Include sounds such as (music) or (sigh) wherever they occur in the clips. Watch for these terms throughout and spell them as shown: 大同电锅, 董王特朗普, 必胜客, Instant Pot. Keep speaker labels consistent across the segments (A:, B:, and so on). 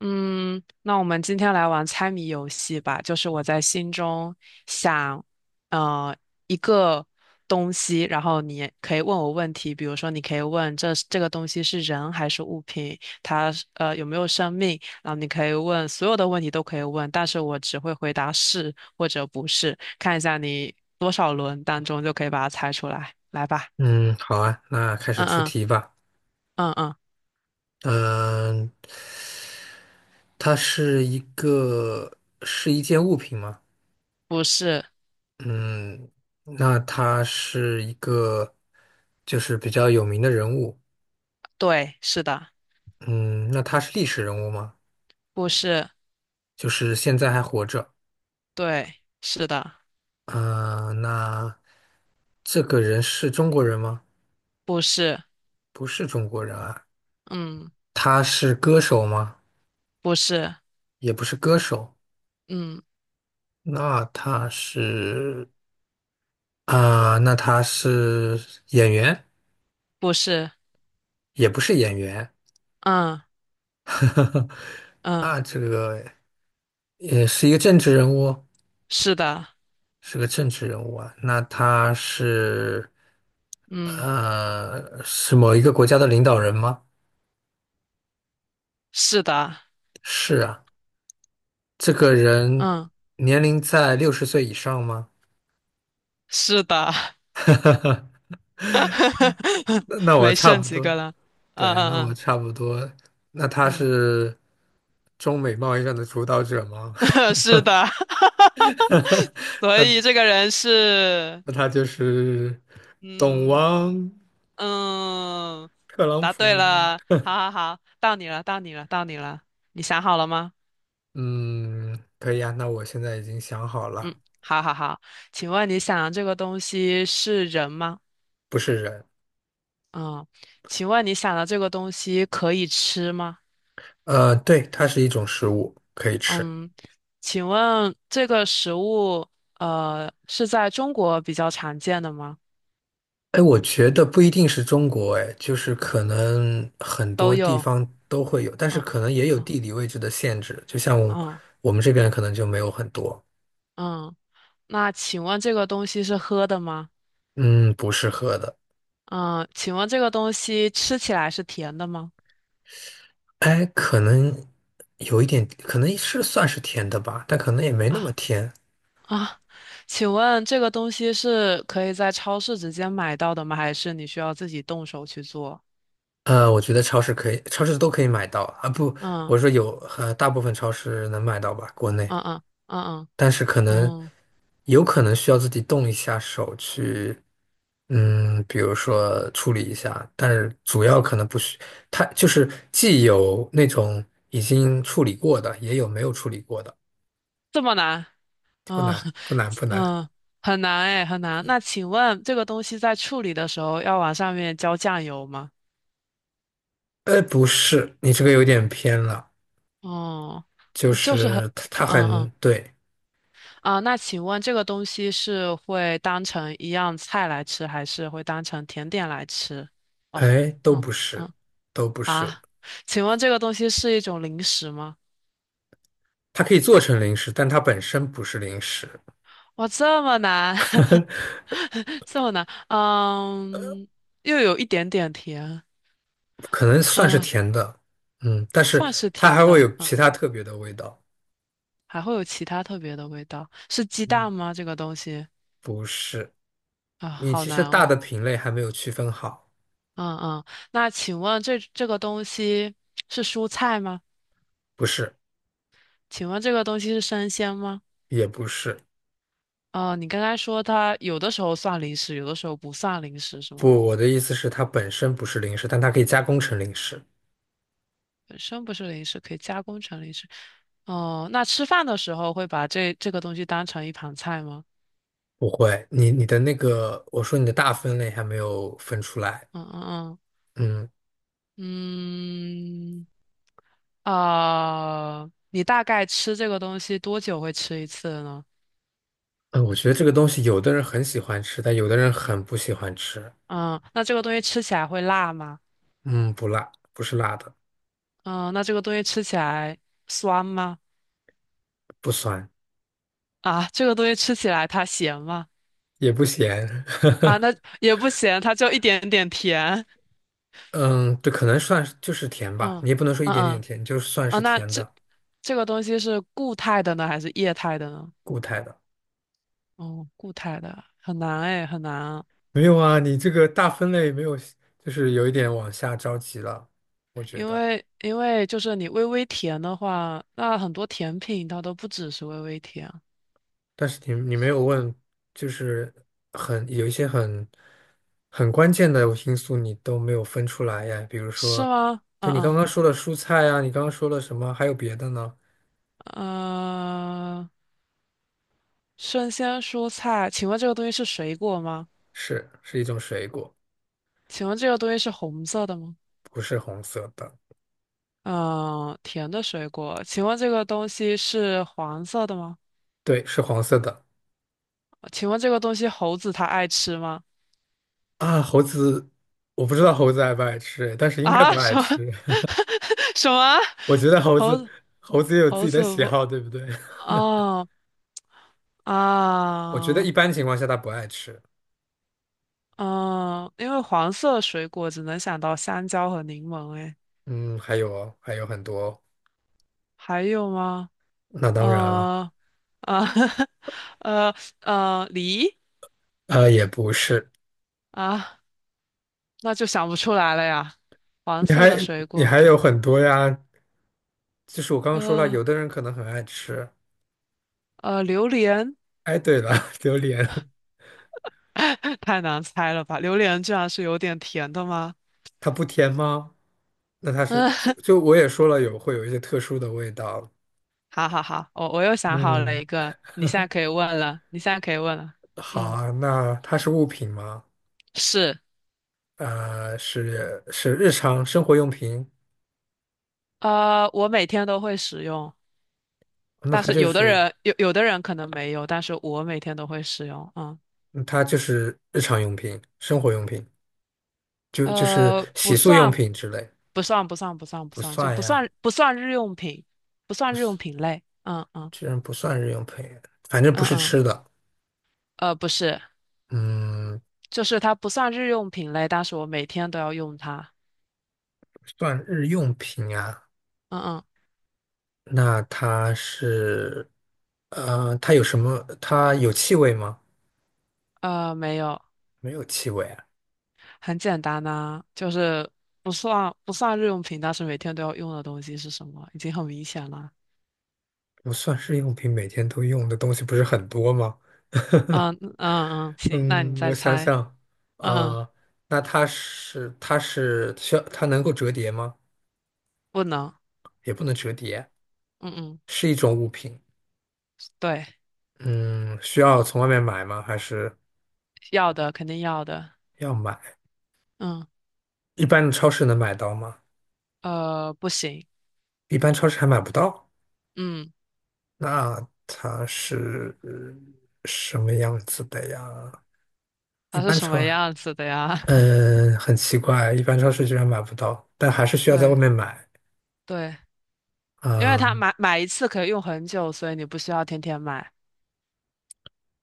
A: 嗯，那我们今天来玩猜谜游戏吧。就是我在心中想，呃，一个东西，然后你可以问我问题，比如说你可以问这个东西是人还是物品，它是有没有生命，然后你可以问所有的问题都可以问，但是我只会回答是或者不是，看一下你多少轮当中就可以把它猜出来。来吧。
B: 嗯，好啊，那开始
A: 嗯
B: 出
A: 嗯
B: 题吧。
A: 嗯嗯，
B: 嗯，它是一个是一件物品吗？
A: 不是。
B: 嗯，那它是一个就是比较有名的人物。
A: 对，是的。
B: 嗯，那他是历史人物吗？
A: 不是。
B: 就是现在还活着。
A: 对，是的。
B: 啊，那这个人是中国人吗？
A: 不是，
B: 不是中国人啊。
A: 嗯，
B: 他是歌手吗？
A: 不是，
B: 也不是歌手。
A: 嗯，
B: 那他是那他是演员。
A: 不是。
B: 也不是演员，
A: 嗯
B: (laughs)
A: 嗯，
B: 那这个也是一个政治人物，
A: 是的。
B: 是个政治人物啊。那他是
A: 嗯，
B: 呃是某一个国家的领导人吗？
A: 是的。
B: 是啊，这个人
A: 嗯，
B: 年龄在60岁以上吗？
A: 是的。
B: 那
A: (laughs)
B: 我
A: 没
B: 差
A: 剩
B: 不
A: 几
B: 多，
A: 个了。嗯
B: 对，那我
A: 嗯
B: 差不多。那他
A: 嗯
B: 是中美贸易战的主导者吗？
A: 嗯，(laughs) 是的。(laughs)
B: (laughs)
A: 所以这个人是，
B: 那他就是董
A: 嗯
B: 王
A: 嗯，
B: 特朗
A: 答对
B: 普。
A: 了。好好好，到你了，到你了，到你了，你想好了吗？
B: 嗯，可以啊，那我现在已经想好
A: 嗯，
B: 了，
A: 好好好。请问你想这个东西是人吗？
B: 不是人。
A: 嗯，请问你想的这个东西可以吃吗？
B: 对，它是一种食物，可以吃。
A: 嗯，请问这个食物是在中国比较常见的吗？
B: 哎，我觉得不一定是中国，哎，就是可能很
A: 都
B: 多地
A: 有。
B: 方都会有，但是
A: 嗯
B: 可能也有
A: 嗯
B: 地理位置的限制，就像
A: 嗯
B: 我们这边可能就没有很多。
A: 嗯。那请问这个东西是喝的吗？
B: 嗯，不适合的。
A: 嗯，请问这个东西吃起来是甜的吗？
B: 哎，可能有一点，可能是算是甜的吧，但可能也没那么
A: 啊
B: 甜。
A: 啊，请问这个东西是可以在超市直接买到的吗？还是你需要自己动手去做？
B: 我觉得超市可以，超市都可以买到啊。不，我
A: 嗯
B: 说有，大部分超市能买到吧，国内。
A: 嗯嗯嗯
B: 但是可
A: 嗯
B: 能
A: 嗯。
B: 有可能需要自己动一下手去，嗯，比如说处理一下，但是主要可能不需，它就是既有那种已经处理过的，也有没有处理过的。
A: 这么难？
B: 不
A: 嗯
B: 难，不难，不
A: (laughs)
B: 难。
A: 嗯，很难哎，很难。那请问这个东西在处理的时候要往上面浇酱油吗？
B: 不是，你这个有点偏了，
A: 哦，
B: 就
A: 那就是很。
B: 是它
A: 嗯
B: 很
A: 嗯
B: 对。
A: 啊。那请问这个东西是会当成一样菜来吃，还是会当成甜点来吃？哦。
B: 哎，都
A: 嗯
B: 不是，
A: 嗯
B: 都不是，
A: 啊，请问这个东西是一种零食吗？
B: 它可以做成零食，但它本身不是零食。
A: 哇，这么难。
B: (laughs)
A: (laughs) 这么难。嗯，又有一点点甜。
B: 可能算是
A: 嗯。
B: 甜的，嗯，但是
A: 算是
B: 它
A: 甜
B: 还会
A: 的。
B: 有
A: 嗯，
B: 其他特别的味道。
A: 还会有其他特别的味道，是鸡
B: 嗯，
A: 蛋吗？这个东西
B: 不是，
A: 啊，
B: 你
A: 好
B: 其实
A: 难
B: 大
A: 哦。
B: 的品类还没有区分好。
A: 嗯嗯，那请问这个东西是蔬菜吗？
B: 不是，
A: 请问这个东西是生鲜吗？
B: 也不是。
A: 哦，你刚才说它有的时候算零食，有的时候不算零食，是吗？
B: 不，我的意思是它本身不是零食，但它可以加工成零食。
A: 本身不是零食，可以加工成零食。哦，那吃饭的时候会把这个东西当成一盘菜吗？
B: 不会，你的那个，我说你的大分类还没有分出来，
A: 嗯嗯嗯
B: 嗯
A: 嗯。啊，你大概吃这个东西多久会吃一次呢？
B: 嗯。我觉得这个东西有的人很喜欢吃，但有的人很不喜欢吃。
A: 嗯，那这个东西吃起来会辣吗？
B: 嗯，不辣，不是辣的。
A: 嗯，那这个东西吃起来酸吗？
B: 不酸，
A: 啊，这个东西吃起来它咸吗？
B: 也不咸。
A: 啊，
B: (laughs)
A: 那也不咸，它就一点点甜。
B: 嗯，对，可能算是就是甜吧，
A: 嗯
B: 你也不能说一
A: 嗯
B: 点点
A: 嗯
B: 甜，就算是
A: 那
B: 甜
A: 这
B: 的。
A: 这个东西是固态的呢，还是液态的呢？
B: 固态的。
A: 哦，固态的很难哎，很难啊。
B: 没有啊，你这个大分类没有，就是有一点往下着急了，我觉
A: 因
B: 得。
A: 为因为就是你微微甜的话，那很多甜品它都不只是微微甜。
B: 但是你没有问，就是很有一些很关键的因素你都没有分出来呀，比如
A: 是
B: 说，
A: 吗？嗯
B: 对你刚
A: 嗯。
B: 刚说的蔬菜啊，你刚刚说了什么？还有别的呢？
A: 嗯，生鲜蔬菜，请问这个东西是水果吗？
B: 是一种水果。
A: 请问这个东西是红色的吗？
B: 不是红色的。
A: 嗯，甜的水果，请问这个东西是黄色的吗？
B: 对，是黄色的。
A: 请问这个东西猴子它爱吃吗？
B: 啊，猴子，我不知道猴子爱不爱吃，但是应该不
A: 啊，
B: 爱
A: 什么
B: 吃。
A: (laughs) 什么？
B: (laughs) 我觉得猴
A: 猴
B: 子，
A: 子
B: 猴子也有自
A: 猴
B: 己的
A: 子
B: 喜
A: 不？
B: 好，对不对？(laughs)
A: 哦
B: 我觉得
A: 啊
B: 一般情况下它不爱吃。
A: 嗯，因为黄色水果只能想到香蕉和柠檬，诶，
B: 嗯，还有很多。
A: 还有吗？
B: 那当然了。
A: 呃呃 (laughs) 呃梨
B: 也不是。
A: 啊，那就想不出来了呀。黄
B: 你
A: 色的
B: 还
A: 水
B: 你
A: 果，
B: 还有很多呀。就是我刚刚说了，有
A: 呃
B: 的人可能很爱吃。
A: 榴莲。
B: 哎，对了。(laughs) 榴莲
A: (laughs) 太难猜了吧？榴莲居然是有点甜的吗？
B: 它不甜吗？那它是就
A: 嗯，
B: 就我也说了会有一些特殊的味道。
A: (laughs) 好好好。我又想好了一
B: 嗯，
A: 个，你现在可以问了，你现在可以问了。
B: 好
A: 嗯，
B: 啊，那它是物品吗？
A: 是。
B: 是日常生活用品。
A: 我每天都会使用，
B: 那
A: 但
B: 它
A: 是
B: 就是
A: 有的人可能没有，但是我每天都会使用。
B: 嗯它就是日常用品、生活用品，就是
A: 不
B: 洗漱用
A: 算，
B: 品之类。
A: 不算，不算，不算，不
B: 不
A: 算，就
B: 算
A: 不
B: 呀。
A: 算，不算日用品，不
B: 不
A: 算日用
B: 是，
A: 品类。嗯嗯
B: 居然不算日用品，反正不
A: 嗯
B: 是
A: 嗯，
B: 吃的。
A: 不是。
B: 嗯，
A: 就是它不算日用品类，但是我每天都要用它。
B: 不算日用品啊，
A: 嗯
B: 那它是，它有什么？它有气味吗？
A: 嗯，没有。
B: 没有气味啊。
A: 很简单呐、就是不算日用品，但是每天都要用的东西是什么？已经很明显了。
B: 不算日用品，每天都用的东西不是很多吗？(laughs)
A: 嗯嗯嗯，行。那你
B: 嗯，
A: 再
B: 我想
A: 猜。
B: 想，
A: 嗯，
B: 啊、那它是它是需要它能够折叠吗？
A: 不能。
B: 也不能折叠。
A: 嗯嗯，
B: 是一种物品。
A: 对，
B: 嗯，需要从外面买吗？还是
A: 要的肯定要的。
B: 要买？
A: 嗯，
B: 一般的超市能买到吗？
A: 不行。
B: 一般超市还买不到。
A: 嗯。
B: 那什么样子的呀？一
A: 它是
B: 般
A: 什
B: 超，
A: 么样子的呀？(laughs)
B: 嗯，很奇怪，一般超市居然买不到，但还是需要在外
A: 对
B: 面买。
A: 对，因为它
B: 嗯，
A: 买一次可以用很久，所以你不需要天天买。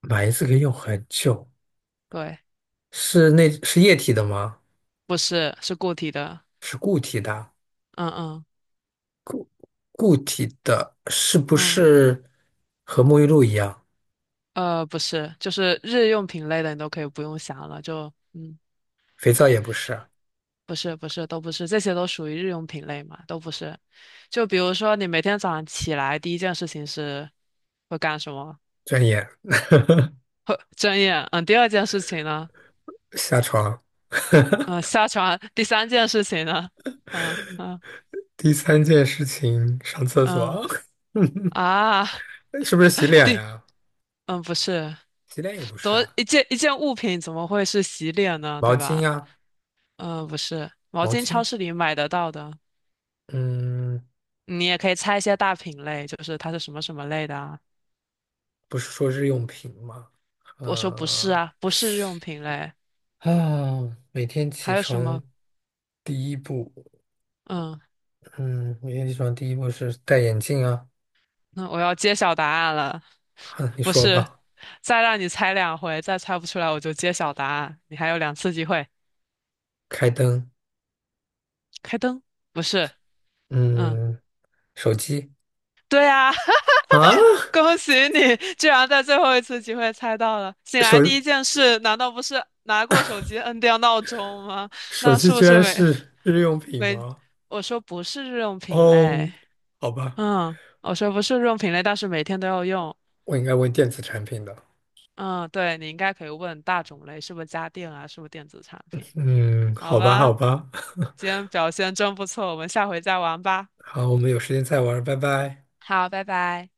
B: 买一次可以用很久。
A: 对，
B: 是那是液体的吗？
A: 不是，是固体的。
B: 是固体的。
A: 嗯嗯
B: 固体的是不
A: 嗯，
B: 是和沐浴露一样？
A: 不是，就是日用品类的，你都可以不用想了。
B: 肥皂也不是。
A: 不是不是，都不是，这些都属于日用品类嘛，都不是。就比如说，你每天早上起来第一件事情是会干什么？
B: 转眼
A: 会睁眼。嗯，第二件事情呢？
B: 下床。
A: 嗯，(laughs) 下床。第三件事情呢？嗯嗯
B: 第三件事情，上厕
A: 嗯
B: 所。(laughs)
A: 啊。(laughs)
B: 是不是洗脸
A: 对，
B: 呀？
A: 嗯，不是，
B: 洗脸也不
A: 怎
B: 是
A: 么
B: 啊。
A: 一件一件物品怎么会是洗脸呢？
B: 毛
A: 对
B: 巾
A: 吧？
B: 呀，
A: 嗯，不是，毛
B: 毛
A: 巾超
B: 巾。
A: 市里买得到的。
B: 嗯，
A: 你也可以猜一些大品类，就是它是什么什么类的啊？
B: 不是说日用品吗？
A: 我说不是
B: 呃，
A: 啊，不是日用品类。
B: 啊，每天起
A: 还有什
B: 床
A: 么？
B: 第一步，
A: 嗯，
B: 嗯，每天起床第一步是戴眼镜啊。
A: 那我要揭晓答案了，
B: (laughs) 哼，你
A: 不
B: 说
A: 是。
B: 吧，
A: 再让你猜两回，再猜不出来我就揭晓答案，你还有两次机会。
B: 开灯，
A: 开灯，不是。嗯，
B: 嗯。手机。
A: 对啊，
B: 啊，
A: 恭喜你，居然在最后一次机会猜到了。醒来第一
B: 手
A: 件事，难道不是拿过手机摁掉闹钟吗？
B: 手
A: 那
B: 机
A: 是不
B: 居
A: 是
B: 然
A: 没
B: 是日用品
A: 没？
B: 吗？
A: 我说不是日用品类，
B: 哦，好吧，
A: 我说不是日用品类，但是每天都要用。
B: 我应该问电子产品的。
A: 嗯，对，你应该可以问大种类，是不是家电啊，是不是电子产品？
B: 嗯，
A: 好
B: 好吧，好
A: 吧，
B: 吧。(laughs)
A: 今天表现真不错，我们下回再玩吧。
B: 好，我们有时间再玩，拜拜。
A: 好，拜拜。